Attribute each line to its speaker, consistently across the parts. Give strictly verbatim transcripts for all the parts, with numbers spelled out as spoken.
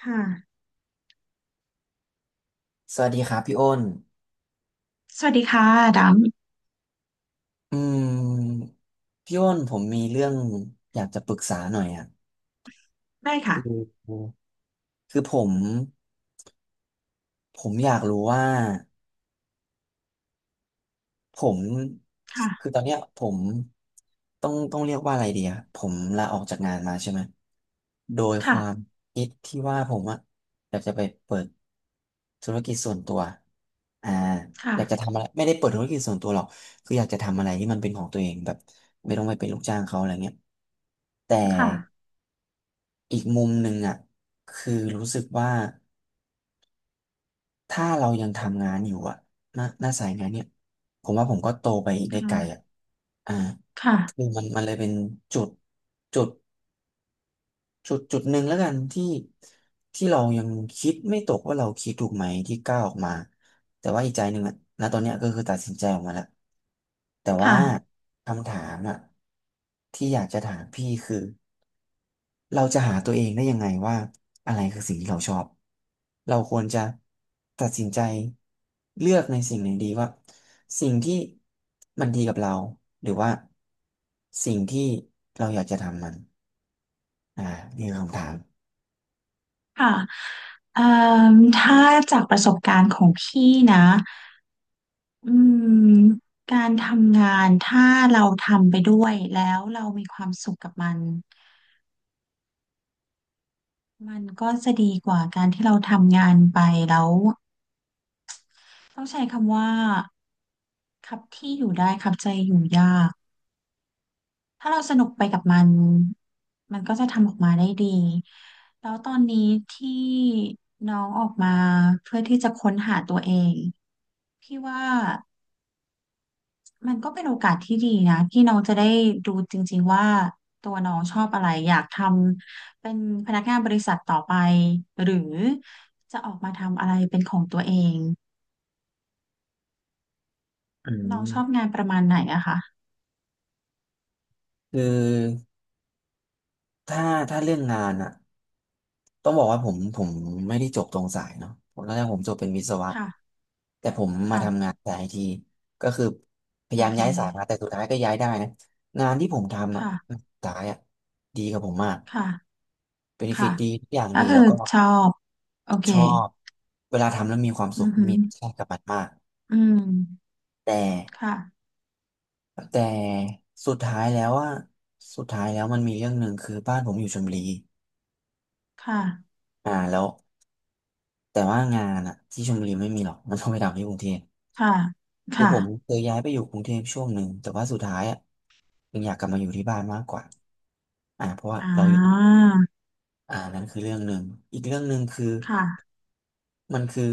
Speaker 1: ค่ะ
Speaker 2: สวัสดีครับพี่อ้น
Speaker 1: สวัสดีค่ะ ด
Speaker 2: อืมพี่อ้นผมมีเรื่องอยากจะปรึกษาหน่อยอ่ะ
Speaker 1: ำได้ค่ะ
Speaker 2: คือคือผมผมอยากรู้ว่า ผม
Speaker 1: ค่ะ
Speaker 2: คือตอนเนี้ยผมต้องต้องเรียกว่าอะไรดีอะผมลาออกจากงานมาใช่ไหมโดยค
Speaker 1: ค่ะ
Speaker 2: วามคิดที่ว่าผมอะอยากจะไปเปิดธุรกิจส่วนตัวอ่า
Speaker 1: ค่ะ
Speaker 2: อยากจะทำอะไรไม่ได้เปิดธุรกิจส่วนตัวหรอกคืออยากจะทำอะไรที่มันเป็นของตัวเองแบบไม่ต้องไปเป็นลูกจ้างเขาอะไรเงี้ยแต่
Speaker 1: ค่ะ
Speaker 2: อีกมุมหนึ่งอะคือรู้สึกว่า ถ้าเรายังทำงานอยู่อะหน้าหน้าสายงานเนี่ยผมว่าผมก็โตไปได้ไกลอะอ่าคือ
Speaker 1: ค่ะ
Speaker 2: มันมันเลยเป็นจุดจุดจุดจุดหนึ่งแล้วกันที่ที่เรายังคิดไม่ตกว่าเราคิดถูกไหมที่ก้าวออกมาแต่ว่าอีกใจหนึ่งอะณตอนเนี้ยก็คือตัดสินใจออกมาแล้วแต่ว่า
Speaker 1: ค่ะค่ะ
Speaker 2: คำถามอะที่อยากจะถามพี่คือ เราจะหาตัวเองได้ยังไงว่าอะไรคือสิ่งที่เราชอบ เราควรจะตัดสินใจเลือกในสิ่งไหนดีว่าสิ่งที่มันดีกับเราหรือว่าสิ่งที่เราอยากจะทำมันอ่านี่คือคำถาม
Speaker 1: เอ่อถ้าจากประสบการณ์ของพี่นะอืมการทำงานถ้าเราทำไปด้วยแล้วเรามีความสุขกับมันมันก็จะดีกว่าการที่เราทำงานไปแล้วต้องใช้คำว่าครับที่อยู่ได้ครับใจอยู่ยาก ถ้าเราสนุกไปกับมัน มันก็จะทำออกมาได้ดี แล้วตอนนี้ที่น้องออกมาเพื่อที่จะค้นหาตัวเอง พี่ว่ามันก็เป็นโอกาสที่ดีนะที่น้องจะได้ดูจริงๆว่าตัวน้องชอบอะไรอยากทำเป็นพนักงานบริษัทต่อไปหรือจะออกมาทำอะไรเป็นของตัวเอง
Speaker 2: อื
Speaker 1: น้องชอบ
Speaker 2: ม
Speaker 1: งานประมาณไหนอะคะ
Speaker 2: คือถ้าถ้าเรื่องงานอะ ต้องบอกว่าผมผมไม่ได้จบตรงสายเนาะผมตอนแรกผมจบเป็นวิศวะ
Speaker 1: ค่ะ
Speaker 2: แต่ผมมา
Speaker 1: ค่ะ
Speaker 2: ทำงานสายไอทีก็คือพยา
Speaker 1: โอ
Speaker 2: ยาม
Speaker 1: เค
Speaker 2: ย้ายสายมาแต่สุดท้ายก็ย้ายได้นะงานที่ผมทำอ่ะ
Speaker 1: ค่ะ
Speaker 2: สายอ่ะดีกับผมมาก
Speaker 1: ค่ะ
Speaker 2: เบนฟิ
Speaker 1: ค่ะ
Speaker 2: ตดีทุกอย่าง
Speaker 1: ก็
Speaker 2: ดี
Speaker 1: คื
Speaker 2: แล้
Speaker 1: อ
Speaker 2: วก็
Speaker 1: ชอบ โอเค
Speaker 2: ชอบเวลาทำแล้วมีความสุ
Speaker 1: อื
Speaker 2: ข
Speaker 1: อหื
Speaker 2: มี
Speaker 1: อ
Speaker 2: แค่กับมันมาก
Speaker 1: อืม
Speaker 2: แต่
Speaker 1: ค่ะ
Speaker 2: แต่สุดท้ายแล้วอ่ะสุดท้ายแล้วมันมีเรื่องหนึ่งคือบ้านผมอยู่ชลบุรี
Speaker 1: ค่ะ
Speaker 2: อ่าแล้วแต่ว่างานอ่ะที่ชลบุรีไม่มีหรอกมันต้องไปทำที่กรุงเทพ
Speaker 1: ค่ะ
Speaker 2: คือ
Speaker 1: ค่ะ
Speaker 2: ผมเคยย้ายไปอยู่กรุงเทพช่วงหนึ่งแต่ว่าสุดท้ายอ่ะยังอยากกลับมาอยู่ที่บ้านมากกว่าอ่า
Speaker 1: อ่
Speaker 2: เราอยู่
Speaker 1: า
Speaker 2: อ่านั่นคือเรื่องหนึ่งอีกเรื่องหนึ่งคือ
Speaker 1: ค่ะ
Speaker 2: มันคือ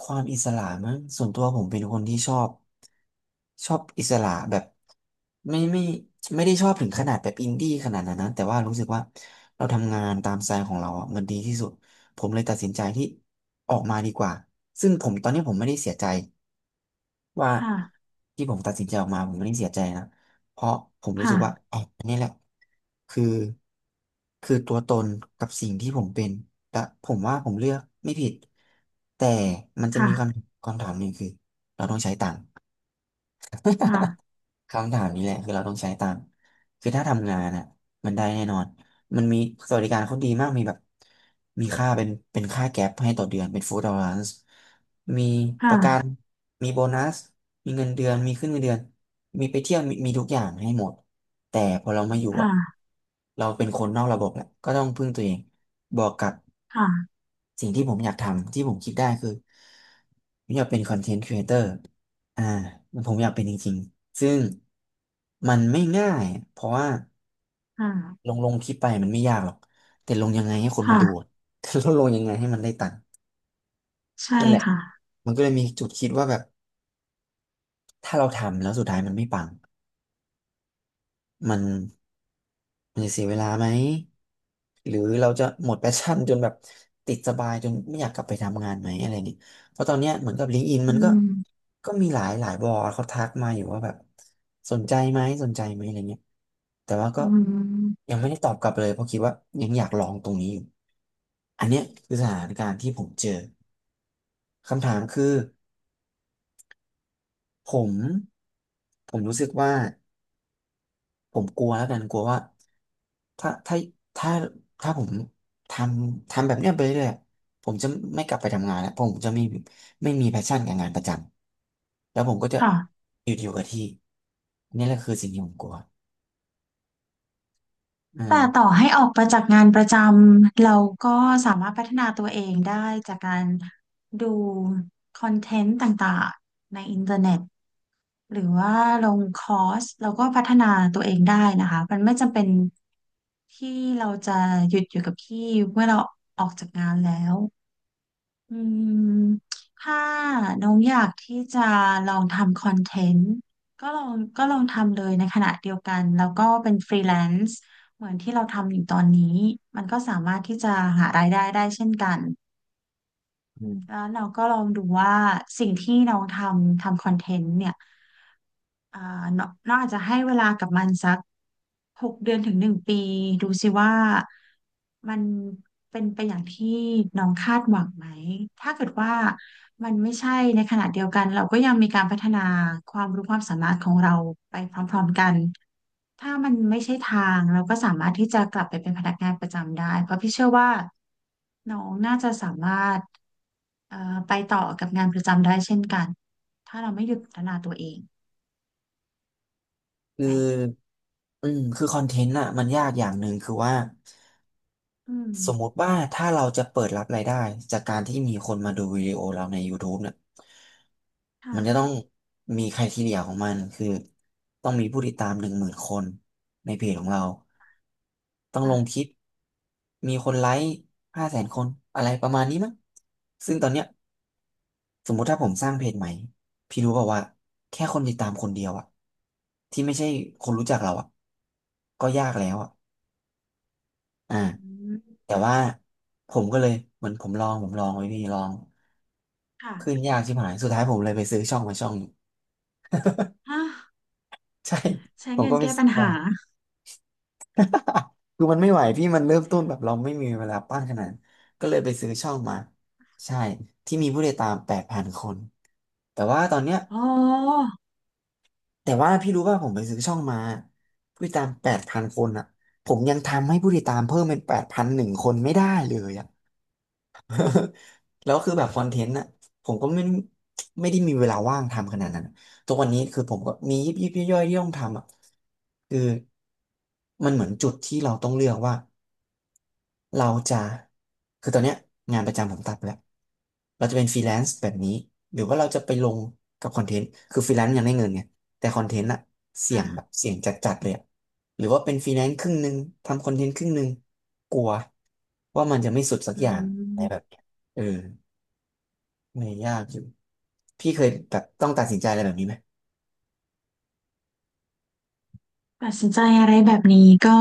Speaker 2: ความอิสระมั้งส่วนตัวผมเป็นคนที่ชอบชอบอิสระแบบไม่ไม่ไม่ได้ชอบถึงขนาดแบบอินดี้ขนาดนั้นนะแต่ว่ารู้สึกว่าเราทำงานตามสไตล์ของเราอ่ะมันดีที่สุดผมเลยตัดสินใจที่ออกมาดีกว่าซึ่งผมตอนนี้ผมไม่ได้เสียใจ ว่า
Speaker 1: ค่ะ
Speaker 2: ที่ผมตัดสินใจออกมาผมไม่ได้เสียใจนะเพราะผมรู้สึกว่า
Speaker 1: ค่ะ
Speaker 2: อ๋ออันนี้แหละคือคือตัวตนกับสิ่งที่ผมเป็นและผมว่าผมเลือกไม่ผิดแต่มันจะ
Speaker 1: ค่ะ
Speaker 2: มีคำคำถามหนึ่งคือเราต้องใช้ตังค์
Speaker 1: ค่ะ
Speaker 2: คำถามนี้แหละคือเราต้องใช้ตังค์คือถ้าทำงานอ่ะมันได้แน่นอนมันมีสวัสดิการเขาดีมากมีแบบมีค่าเป็นเป็นค่าแก๊ปให้ต่อเดือนเป็นฟู้ดอล a ร c e มีประกัน
Speaker 1: ค่ะ
Speaker 2: มีโบนัสมีเงินเดือนมีขึ้นเงินเดือนมีไปเที่ยวมีมีทุกอย่างให้หมดแต่พอเรามาอยู่อ่ะ
Speaker 1: ค่ะ
Speaker 2: เราเป็นคนนอกระบบแหละก็ต้องพึ่งตัวเองบอกกับ
Speaker 1: ค่ะ
Speaker 2: สิ่งที่ผมอยากทำที่ผมคิดได้คือผมอยากเป็นคอนเทนต์ครีเอเตอร์อ่ามันผมอยากเป็นจริงๆซึ่งมันไม่ง่ายเพราะว่า
Speaker 1: ค่ะ
Speaker 2: ลงลงคลิปไปมันไม่ยากหรอกแต่ลงยังไงให้คนมาดูอะ
Speaker 1: ค่ะ
Speaker 2: แต่ดลงยังไงให้มันได้ตังค์
Speaker 1: ใช่
Speaker 2: นั่นแหละ
Speaker 1: ค่ะ
Speaker 2: มันก็เลยมีจุดคิดว่าแบบถ้าเราทำแล้วสุดท้ายมันไม่ปัง มันมันจะเสียเวลาไหมหรือเราจะหมดแพชชั่นจนแบบติดสบายจนไม่อยากกลับไปทำงานไหมอะไรเงี้ยเพราะตอนเนี้ยเหมือนกับลิงก์อิน
Speaker 1: อื
Speaker 2: มันก็
Speaker 1: ม
Speaker 2: ก็มีหลายหลายบอร์ดเขาทักมาอยู่ว่าแบบสนใจไหมสนใจไหมอะไรเงี้ยแต่ว่าก็
Speaker 1: อืม
Speaker 2: ยังไม่ได้ตอบกลับเลยเพราะคิดว่ายังอยากลองตรงนี้อยู่อันเนี้ยคือสถานการณ์ที่ผมเจอคำถามคือผมผมรู้สึกว่า ผมกลัวแล้วกันกลัวว่าถ้าถ้าถ้าถ้าผมทำทำแบบเนี้ยไปเรื่อยๆผมจะไม่กลับไปทำงานแล้วเพราะผมจะไม่ไม่มีแพชชั่นกับงานประจำแล้วผมก็จะ
Speaker 1: ค่ะ
Speaker 2: อยู่อยู่กับที่นี่แหละคือสิ่งที่ผมกลัวอื
Speaker 1: แต่
Speaker 2: ม
Speaker 1: ต่อให้ออกไปจากงานประจำเราก็สามารถพัฒนาตัวเองได้จากการดูคอนเทนต์ต่างๆในอินเทอร์เน็ต หรือว่าลงคอร์สเราก็พัฒนาตัวเองได้นะคะมันไม่จำเป็นที่เราจะหยุดอยู่กับที่เมื่อเราออกจากงานแล้วอืมถ้าน้องอยากที่จะลองทำคอนเทนต์ก็ลองก็ลองทำเลยในขณะเดียวกันแล้วก็เป็นฟรีแลนซ์เหมือนที่เราทำอยู่ตอนนี้มันก็สามารถที่จะหารายได้ได้เช่นกัน
Speaker 2: อื
Speaker 1: แล้
Speaker 2: ม
Speaker 1: วเราก็ลองดูว่าสิ่งที่น้องทำทำคอนเทนต์เนี่ยอ่าน้องน้องอาจจะให้เวลากับมันสักหกเดือนถึงหนึ่งปีดูสิว่ามันเป็นไปอย่างที่น้องคาดหวังไหมถ้าเกิดว่ามันไม่ใช่ในขณะเดียวกันเราก็ยังมีการพัฒนาความรู้ความสามารถของเราไปพร้อมๆกัน ถ้ามันไม่ใช่ทางเราก็สามารถที่จะกลับไปเป็นพนักงานประจำได้เพราะพี่เชื่อว่าน้องน่าจะสามารถเอ่อไปต่อกับงานประจำได้เช่นกันถ้าเราไม่หยุดพัฒนาตัวเอง
Speaker 2: คือ
Speaker 1: ไหม
Speaker 2: อืมคือคอนเทนต์อ่ะมันยากอย่างหนึ่งคือว่า
Speaker 1: อืม
Speaker 2: สมมุติว่าถ้าเราจะเปิดรับรายได้จากการที่มีคนมาดูวิดีโอเราใน ยูทูบ เนี่ยมันจะต้อ
Speaker 1: ค่ะ
Speaker 2: งมีไครทีเรียของมันคือต้องมีผู้ติดตามหนึ่งหมื่นคนในเพจของเราต้องลงค
Speaker 1: ค่ะ
Speaker 2: ลิปมีคนไลค์ห้าแสนคนอะไรประมาณนี้มั้งซึ่งตอนเนี้ยสมมุติถ้าผมสร้างเพจใหม่พี่รู้เปล่าว่าแค่คนติดตามคนเดียวอะที่ไม่ใช่คนรู้จักเราอะก็ยากแล้วอะอ่า
Speaker 1: อืม
Speaker 2: แต่ว่าผมก็เลยเหมือนผมลองผมลองไว้พี่ลอง
Speaker 1: ค่ะ
Speaker 2: ขึ้นยากชิบหายสุดท้ายผมเลยไปซื้อช่องมาช่องหนึ่ง
Speaker 1: ฮะ
Speaker 2: ใช่
Speaker 1: ใช้
Speaker 2: ผม
Speaker 1: เงิ
Speaker 2: ก็
Speaker 1: น
Speaker 2: ไป
Speaker 1: แก้ปั
Speaker 2: ซื้อ
Speaker 1: ญ
Speaker 2: มา
Speaker 1: หา
Speaker 2: คือมันไม่ไหวพี่มันเริ่มต้นแบบเราไม่มีเวลาปั้นขนาดนั้นก็เลยไปซื้อช่องมาใช่ที่มีผู้ติดตามแปดพันคนแต่ว่าตอนเนี้ย
Speaker 1: อ๋อ
Speaker 2: แต่ว่าพี่รู้ว่าผมไปซื้อช่องมาผู้ติดตามแปดพันคนอ่ะผมยังทำให้ผู้ติดตามเพิ่มเป็นแปดพันหนึ่งคนไม่ได้เลยอ่ะ แล้วคือแบบคอนเทนต์น่ะผมก็ไม่ไม่ได้มีเวลาว่างทำขนาดนั้นอะทุกวันนี้คือผมก็มียิบยิบย่อยๆที่ต้องทำอ่ะคือมันเหมือนจุดที่เราต้องเลือกว่าเราจะคือตอนเนี้ยงานประจำผมตัดไปแล้วเราจะเป็นฟรีแลนซ์แบบนี้หรือว่าเราจะไปลงกับคอนเทนต์คือฟรีแลนซ์ยังได้เงินไงแต่คอนเทนต์อะเสี่ยงแบบ
Speaker 1: ค่ะ
Speaker 2: เสี่ยงจัดๆเลยอะหรือว่าเป็นฟรีแลนซ์ครึ่งหนึ่งทำคอนเทนต์ครึ่งหนึ่งกลัวว่ามันจะไม่สุดสัก
Speaker 1: อื
Speaker 2: อย่างอะไรแบบ
Speaker 1: ม
Speaker 2: เนี้ยเออ ไม่อยยากอยู่พี่เคยแบบต้องตัดสินใจอะไรแบบนี้ไหม
Speaker 1: ตัดสินใจอะไรแบบนี้ก็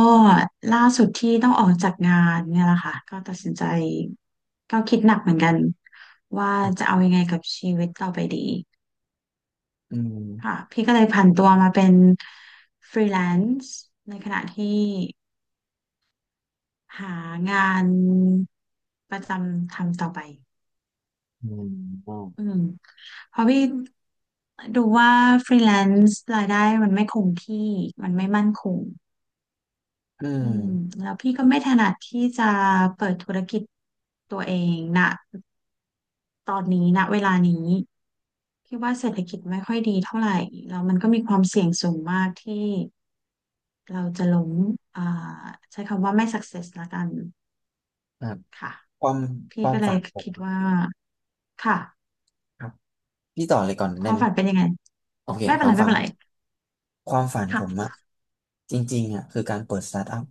Speaker 1: ล่าสุดที่ต้องออกจากงานเนี่ยแหละค่ะก็ตัดสินใจก็คิดหนักเหมือนกันว่าจะเอายังไงกับชีวิตต่อไปดี
Speaker 2: อืม
Speaker 1: ค่ะพี่ก็เลยผันตัวมาเป็นฟรีแลนซ์ในขณะที่หางานประจำทำต่อไป
Speaker 2: อืมอือ
Speaker 1: อืมเพราะพี่ดูว่าฟรีแลนซ์รายได้มันไม่คงที่มันไม่มั่นคง
Speaker 2: อื
Speaker 1: อืม
Speaker 2: ม
Speaker 1: แล้วพี่ก็ไม่ถนัดที่จะเปิดธุรกิจตัวเองนะตอนนี้ณเวลานี้พี่ว่าเศรษฐกิจไม่ค่อยดีเท่าไหร่แล้วมันก็มีความเสี่ยงสูงมากที่เราจะล้มอ่าใช้คำว่าไม่ success ละกัน
Speaker 2: ครับ
Speaker 1: ค่ะ
Speaker 2: ความค
Speaker 1: พี่
Speaker 2: วาม
Speaker 1: ก็เล
Speaker 2: ฝั
Speaker 1: ย
Speaker 2: นผม
Speaker 1: คิด
Speaker 2: อะ
Speaker 1: ว่าค่ะ
Speaker 2: ครับ พี่ต่อเลยก่อน
Speaker 1: ค
Speaker 2: ได้
Speaker 1: วาม
Speaker 2: ไหม
Speaker 1: ฝันเป็นยังไง
Speaker 2: โอเค
Speaker 1: ไม่
Speaker 2: ค
Speaker 1: เป็น
Speaker 2: วา
Speaker 1: ไร
Speaker 2: ม
Speaker 1: ไม่
Speaker 2: ฝัน
Speaker 1: เป็นไร
Speaker 2: ความฝันผมอะ
Speaker 1: ค่ะ
Speaker 2: จริงๆอะคือการเปิดสตาร์ทอัพ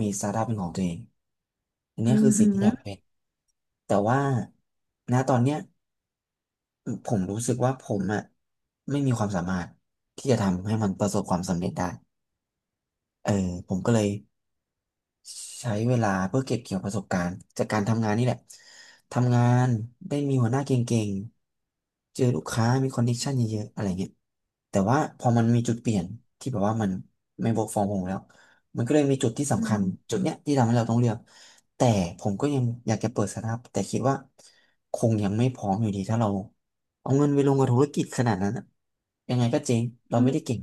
Speaker 2: มีสตาร์ทอัพเป็นของตัวเองอันนี้
Speaker 1: อื
Speaker 2: คื
Speaker 1: อ
Speaker 2: อสิ่
Speaker 1: หื
Speaker 2: งที่อยาก
Speaker 1: อ
Speaker 2: เป็นแต่ว่าณตอนเนี้ยผมรู้สึกว่าผมอะไม่มีความสามารถที่จะทำให้มันประสบความสำเร็จได้ เออผมก็เลย ใช้เวลาเพื่อเก็บเกี่ยวประสบการณ์จากการทำงานนี่แหละ ทำงานได้มีหัวหน้าเก่งๆเจอลูกค้ามีคอนเนคชั่นเยอะๆอะไรเงี้ยแต่ว่าพอมันมีจุดเปลี่ยนที่แบบว่ามันไม่ work from home แล้วมันก็เลยมีจุดที่
Speaker 1: อื
Speaker 2: สำคั
Speaker 1: ม
Speaker 2: ญจุดเนี้ยที่ทำให้เราต้องเลือกแต่ผมก็ยังอยากจะเปิดสตาร์ทอัพแต่คิดว่าคงยังไม่พร้อมอยู่ดีถ้าเราเอาเงินไปลงกับธุรกิจขนาดนั้นอะยังไงก็เจ๊งเรา
Speaker 1: อื
Speaker 2: ไม่ได้เก่
Speaker 1: ม
Speaker 2: ง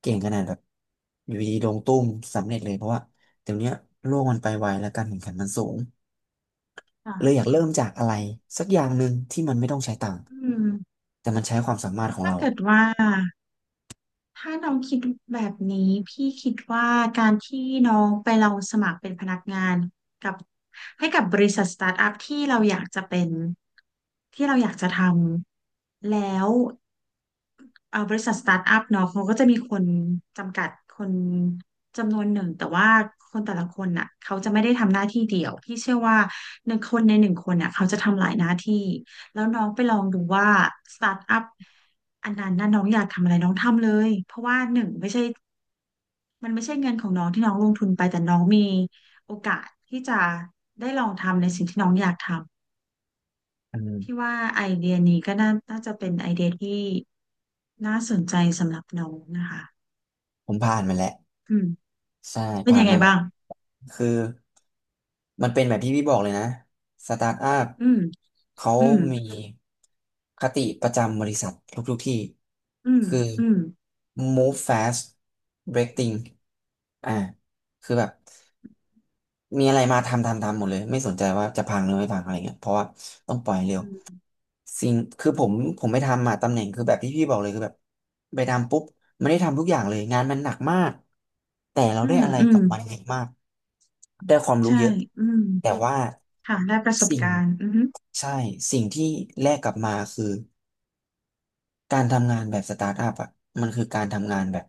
Speaker 2: เก่งขนาดแบบอยู่ดีลงตุ้มสำเร็จเลยเพราะว่า เดี๋ยวเนี้ยโลกมันไปไวและการแข่งขันมันสูงเลยอยาก
Speaker 1: ค่ะ
Speaker 2: เริ่มจากอะไรสักอย่างหนึ่งที่มันไม่ต้องใช้ตังค์
Speaker 1: อืม
Speaker 2: แต่มันใช้ความสามารถของ
Speaker 1: ถ้า
Speaker 2: เรา
Speaker 1: เกิดว่า ถ้าน้องคิดแบบนี้พี่คิดว่าการที่น้องไปเราสมัครเป็นพนักงานกับให้กับบริษัทสตาร์ทอัพที่เราอยากจะเป็นที่เราอยากจะทำแล้วเอ่อบริษัทสตาร์ทอัพเนาะเขาก็จะมีคนจำกัดคนจำนวนหนึ่งแต่ว่าคนแต่ละคนน่ะเขาจะไม่ได้ทำหน้าที่เดียวพี่เชื่อว่าหนึ่งหลายหน้าที่แล้วน้องไปลองดูว่าสตาร์ทอัพอันนั้นน่ะน้องอยากทำอะไรน้องทำเลยเพราะว่าหนึ่งไม่ใช่ มันไม่ใช่เงินของน้องที่น้องลงทุนไปแต่น้องมีโอกาสที่จะได้ลองทำในสิ่งที่น้องอยากทำ
Speaker 2: อืม
Speaker 1: พี่ว่าไอเดียนี้ก็น่าน่าจะเป็นไอเดียที่น่าสนใจสำหรับน้องนะคะ
Speaker 2: ผมผ่านมาแล้ว
Speaker 1: อืม
Speaker 2: ใช่
Speaker 1: เป็น
Speaker 2: ผ่า
Speaker 1: ยั
Speaker 2: น
Speaker 1: งไง
Speaker 2: มาแบ
Speaker 1: บ้า
Speaker 2: บ
Speaker 1: ง
Speaker 2: คือมันเป็นแบบที่พี่บอกเลยนะสตาร์ทอัพ
Speaker 1: อืม
Speaker 2: เขา
Speaker 1: อืม
Speaker 2: มีคติประจำบริษัททุกๆที่
Speaker 1: อืม
Speaker 2: คือ
Speaker 1: อืม
Speaker 2: move fast break things อ่าคือแบบ มีอะไรมาทำทำทำหมดเลยไม่สนใจว่าจะพังหรือไม่พังอะไรเงี้ยเพราะว่าต้องปล่อยเร็ว
Speaker 1: อืม
Speaker 2: สิ่งคือผมผมไปทำมาตำแหน่งคือแบบที่พี่บอกเลยคือแบบไปทำปุ๊บไม่ได้ทำทุกอย่างเลยงานมันหนักมากแต่เรา
Speaker 1: อื
Speaker 2: ได้
Speaker 1: ม
Speaker 2: อะไร
Speaker 1: อื
Speaker 2: ก
Speaker 1: ม
Speaker 2: ลับมันเยอะมากได้ความรู้
Speaker 1: ใช่
Speaker 2: เยอะ
Speaker 1: อืม
Speaker 2: แต่ว่า
Speaker 1: ค่ะได้ประสบ
Speaker 2: สิ่ง
Speaker 1: การณ์อือฮึ
Speaker 2: ใช่สิ่งที่แลกกลับมาคือการทำงานแบบสตาร์ทอัพอ่ะมันคือการทำงานแบบ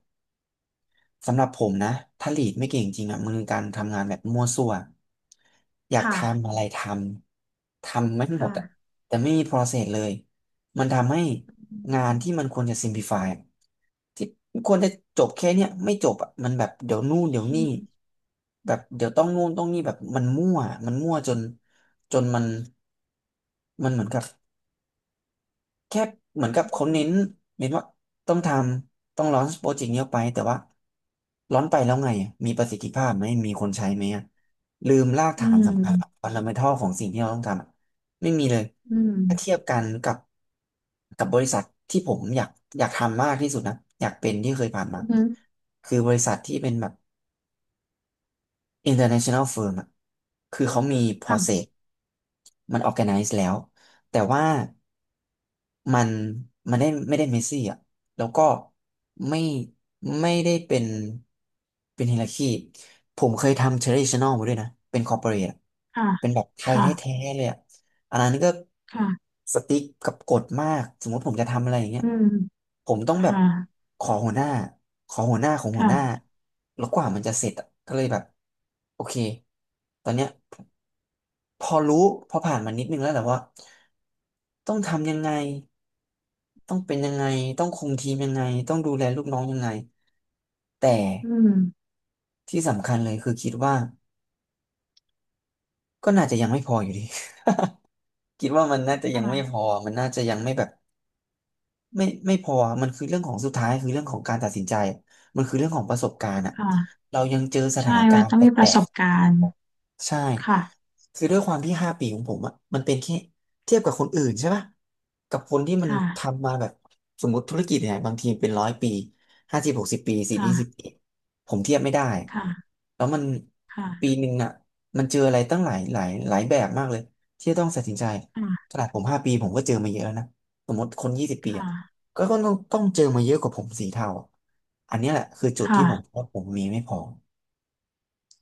Speaker 2: สำหรับผมนะถ้าลีดไม่เก่งจริงอ่ะมันคือการทำงานแบบมั่วซั่วอยากทำ
Speaker 1: ค่ะ
Speaker 2: อะไรทำทำไม่หมดอ่ะ
Speaker 1: ค่ะ
Speaker 2: แต่ไม่มี process เลยมันทำให้
Speaker 1: อื
Speaker 2: งาน
Speaker 1: ม
Speaker 2: ที่มันควรจะ simplify อะที่ควรจะจบแค่เนี้ยไม่จบอ่ะมันแบบเดี๋ยวนู่นเดี๋ยว
Speaker 1: อื
Speaker 2: นี่
Speaker 1: ม
Speaker 2: แบบเดี๋ยวต้องนู่นต้องนี่แบบมันมั่วมันมั่วจนจนมันมันเหมือนกับ แค่เหมือนกับเขาเน้นเน้นว่าต้องทำต้องลอนช์โปรเจกต์นี้ออกไปแต่ว่าลอนช์ไปแล้วไงอะมีประสิทธิภาพไหมมีคนใช้ไหมอะลืมราก
Speaker 1: อื
Speaker 2: ฐานสำคัญ
Speaker 1: ม
Speaker 2: ฟันดัเมนทัลของสิ่งที่เราต้องทำอะไม่มีเลย
Speaker 1: อื
Speaker 2: ถ้าเทียบ
Speaker 1: ม
Speaker 2: กันกับกับบริษัทที่ผมอยากอยากทำมากที่สุดนะอยากเป็นที่เคยผ่านมา
Speaker 1: อือฮึ
Speaker 2: คือบริษัทที่เป็นแบบ international firm อะคือเขามี process
Speaker 1: ค่ะ
Speaker 2: มัน organize แล้ว แต่ว่ามันมันได้ไม่ได้เมสซี่อ่ะแล้วก็ไม่ไม่ได้เป็นเป็นไฮรักีผมเคยทำ traditional มาด้วยนะ เป็น corporate อะ
Speaker 1: ค่ะ
Speaker 2: เป็นแบบไทย
Speaker 1: ค่ะ
Speaker 2: แท้ๆเลยอ่ะ อันนั้นก็
Speaker 1: ค่ะ
Speaker 2: สติ๊กกับกฎมากสมมติผมจะทำอะไรอย่างเงี้ย
Speaker 1: อืม
Speaker 2: ผมต้องแบบ
Speaker 1: ค่ะ
Speaker 2: ขอหัวหน้าขอหัวหน้าของหัวหน้า
Speaker 1: ค่ะ
Speaker 2: แล้วกว่ามันจะเสร็จอะก็เลยแบบโอเคตอนเนี้ยพอรู้พอผ่านมานิดนึงแล้วแหละว่าต้องทำยังไงต้องเป็นยังไงต้องคุมทีมยังไงต้องดูแลลูกน้องยังไงแต่
Speaker 1: อืม
Speaker 2: ที่สำคัญเลยคือคิดว่าก็น่าจะยังไม่พออยู่ดี คิดว่ามันน่าจะยังไม่พ
Speaker 1: ค่ะ
Speaker 2: อมันน่าจะยังไม่แบบ ไม่ไม่พออะมันคือเรื่องของสุดท้ายคือเรื่องของการตัดสินใจมันคือเรื่องของประสบการณ์อะ
Speaker 1: ค่ะ
Speaker 2: เรายังเจอสถา
Speaker 1: ใช่
Speaker 2: นกา
Speaker 1: ว่า
Speaker 2: รณ์
Speaker 1: ต้อง
Speaker 2: แป
Speaker 1: มีป
Speaker 2: ล
Speaker 1: ระส
Speaker 2: ก
Speaker 1: บการณ์
Speaker 2: ๆใช่
Speaker 1: ค่ะ
Speaker 2: คือด้วยความที่ห้าปีของผมอะมันเป็นแค่เทียบกับคนอื่นใช่ปะกับคนที่มัน
Speaker 1: ค่ะ
Speaker 2: ทำมาแบบสมมติธุรกิจเนี่ยบางทีเป็นร้อยปีห้าสิบหกสิบปีสี่ยี่สิบ
Speaker 1: ค่ะ
Speaker 2: ปีผมเทียบไม่ได้
Speaker 1: ค่ะ
Speaker 2: แล้วมันปี
Speaker 1: ค่ะ
Speaker 2: หนึ่งอะมันเจออะไรตั้งหลายหลายหลายแบบมากเลยที่จะต้องตัดสินใจ
Speaker 1: ค่ะ
Speaker 2: ขนาดผมห้าปีผมก็เจอมาเยอะแล้วนะสมมติคนยี่สิบ
Speaker 1: ค
Speaker 2: ปีอะ
Speaker 1: ่ะ
Speaker 2: ก็ก็ต้องต้องเจอมาเยอะกว่าผมสีเทาอันเนี้ยแหละคือจุดที่ผม
Speaker 1: ค่ะ
Speaker 2: ว่าผมมีไม่พอ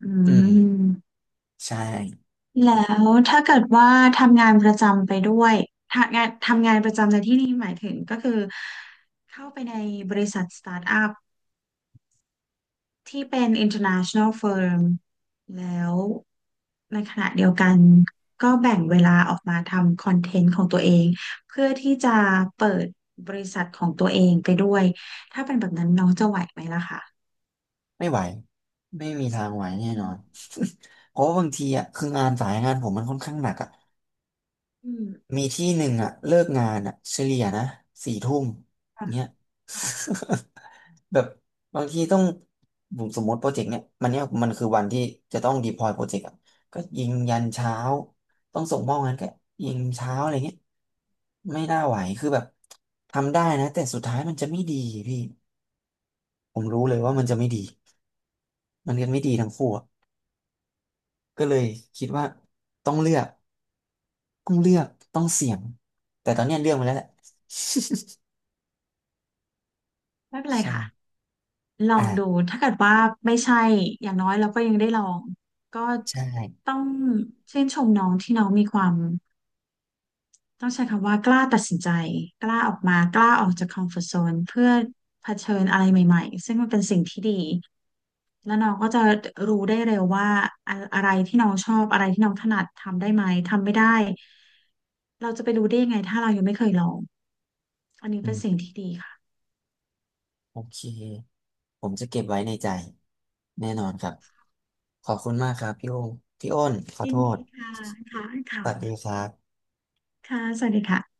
Speaker 1: อื
Speaker 2: อืม
Speaker 1: ม
Speaker 2: ใช่
Speaker 1: แล้วถ้าเกิดว่าทำงานประจำไปด้วยทำงานทำงานประจำในที่นี้หมายถึงก็คือเข้าไปในบริษัทสตาร์ทอัพ ที่เป็น international firm แล้วในขณะเดียวกันก็แบ่งเวลาออกมาทำคอนเทนต์ของตัวเองเพื่อที่จะเปิดบริษัทของตัวเองไปด้วยถ้าเป็นแบบนั้นน้องจะไหวไหมล่ะคะ
Speaker 2: ไม่ไหวไม่มีทางไหวแน่
Speaker 1: อื
Speaker 2: นอ
Speaker 1: ม
Speaker 2: น เพราะว่าบางทีอ่ะคืองานสายงานผมมันค่อนข้างหนักอ่ะ
Speaker 1: อืม
Speaker 2: มีที่หนึ่งอ่ะเลิกงานอ่ะเฉลี่ยนะสี่ทุ่ม
Speaker 1: ค่ะ
Speaker 2: เนี้ย
Speaker 1: ค่ะ
Speaker 2: แบบบางทีต้องผมสมมติโปรเจกต์เนี้ยมันเนี้ยมันคือวันที่จะต้องดีพลอยโปรเจกต์อ่ะก็ยิงยันเช้าต้องส่งมอบงานก็ยิงเช้าอะไรเงี้ยไม่น่าไหวคือแบบทำได้นะแต่สุดท้ายมันจะไม่ดีพี่ผมรู้เลย
Speaker 1: อื
Speaker 2: ว่ามันจะ
Speaker 1: ม
Speaker 2: ไม่ดีมันเรียนไม่ดีทั้งคู่อะก็เลยคิดว่าต้องเลือกต้องเลือกต้องเสี่ยงแต่ตอนเนี้ยเลือกมาแล้วแหละ
Speaker 1: ไม่เป็ นไร
Speaker 2: ใช่
Speaker 1: ค่ะลองดู
Speaker 2: อ่า
Speaker 1: ถ้าเกิดว่าไม่ใช่อย่างน้อยเราก็ยังได้ลองก็
Speaker 2: ใช่
Speaker 1: ต้องชื่นชมน้องที่น้องมีความ ต้องใช้คำว่ากล้าตัดสินใจกล้าออกมากล้าออกจากคอมฟอร์ ซี โซนเพื่อเผชิญอะไรใหม่ๆซึ่งมันเป็นสิ่งที่ดีแล้วน้องก็จะรู้ได้เร็วว่าอะอะไรที่น้องชอบอะไรที่น้องถนัดทำได้ไหมทำไม่ได้เราจะไปรู้ได้ยังไงถ้าเรายังไม่เคยลองอันนี้
Speaker 2: อื
Speaker 1: เป็นสิ่ง
Speaker 2: ม
Speaker 1: ที่ดีค่ะ
Speaker 2: โอเค ผมจะเก็บไว้ในใจแน่นอนครับ ขอบคุณมากครับพี่โอ้พี่อ้นขอ
Speaker 1: ยิ
Speaker 2: โท
Speaker 1: น
Speaker 2: ษ
Speaker 1: ดีค่ะค่ะ
Speaker 2: ส
Speaker 1: ค่ะ
Speaker 2: วัสดีครับ
Speaker 1: ค่ะสวัสดีค่ะ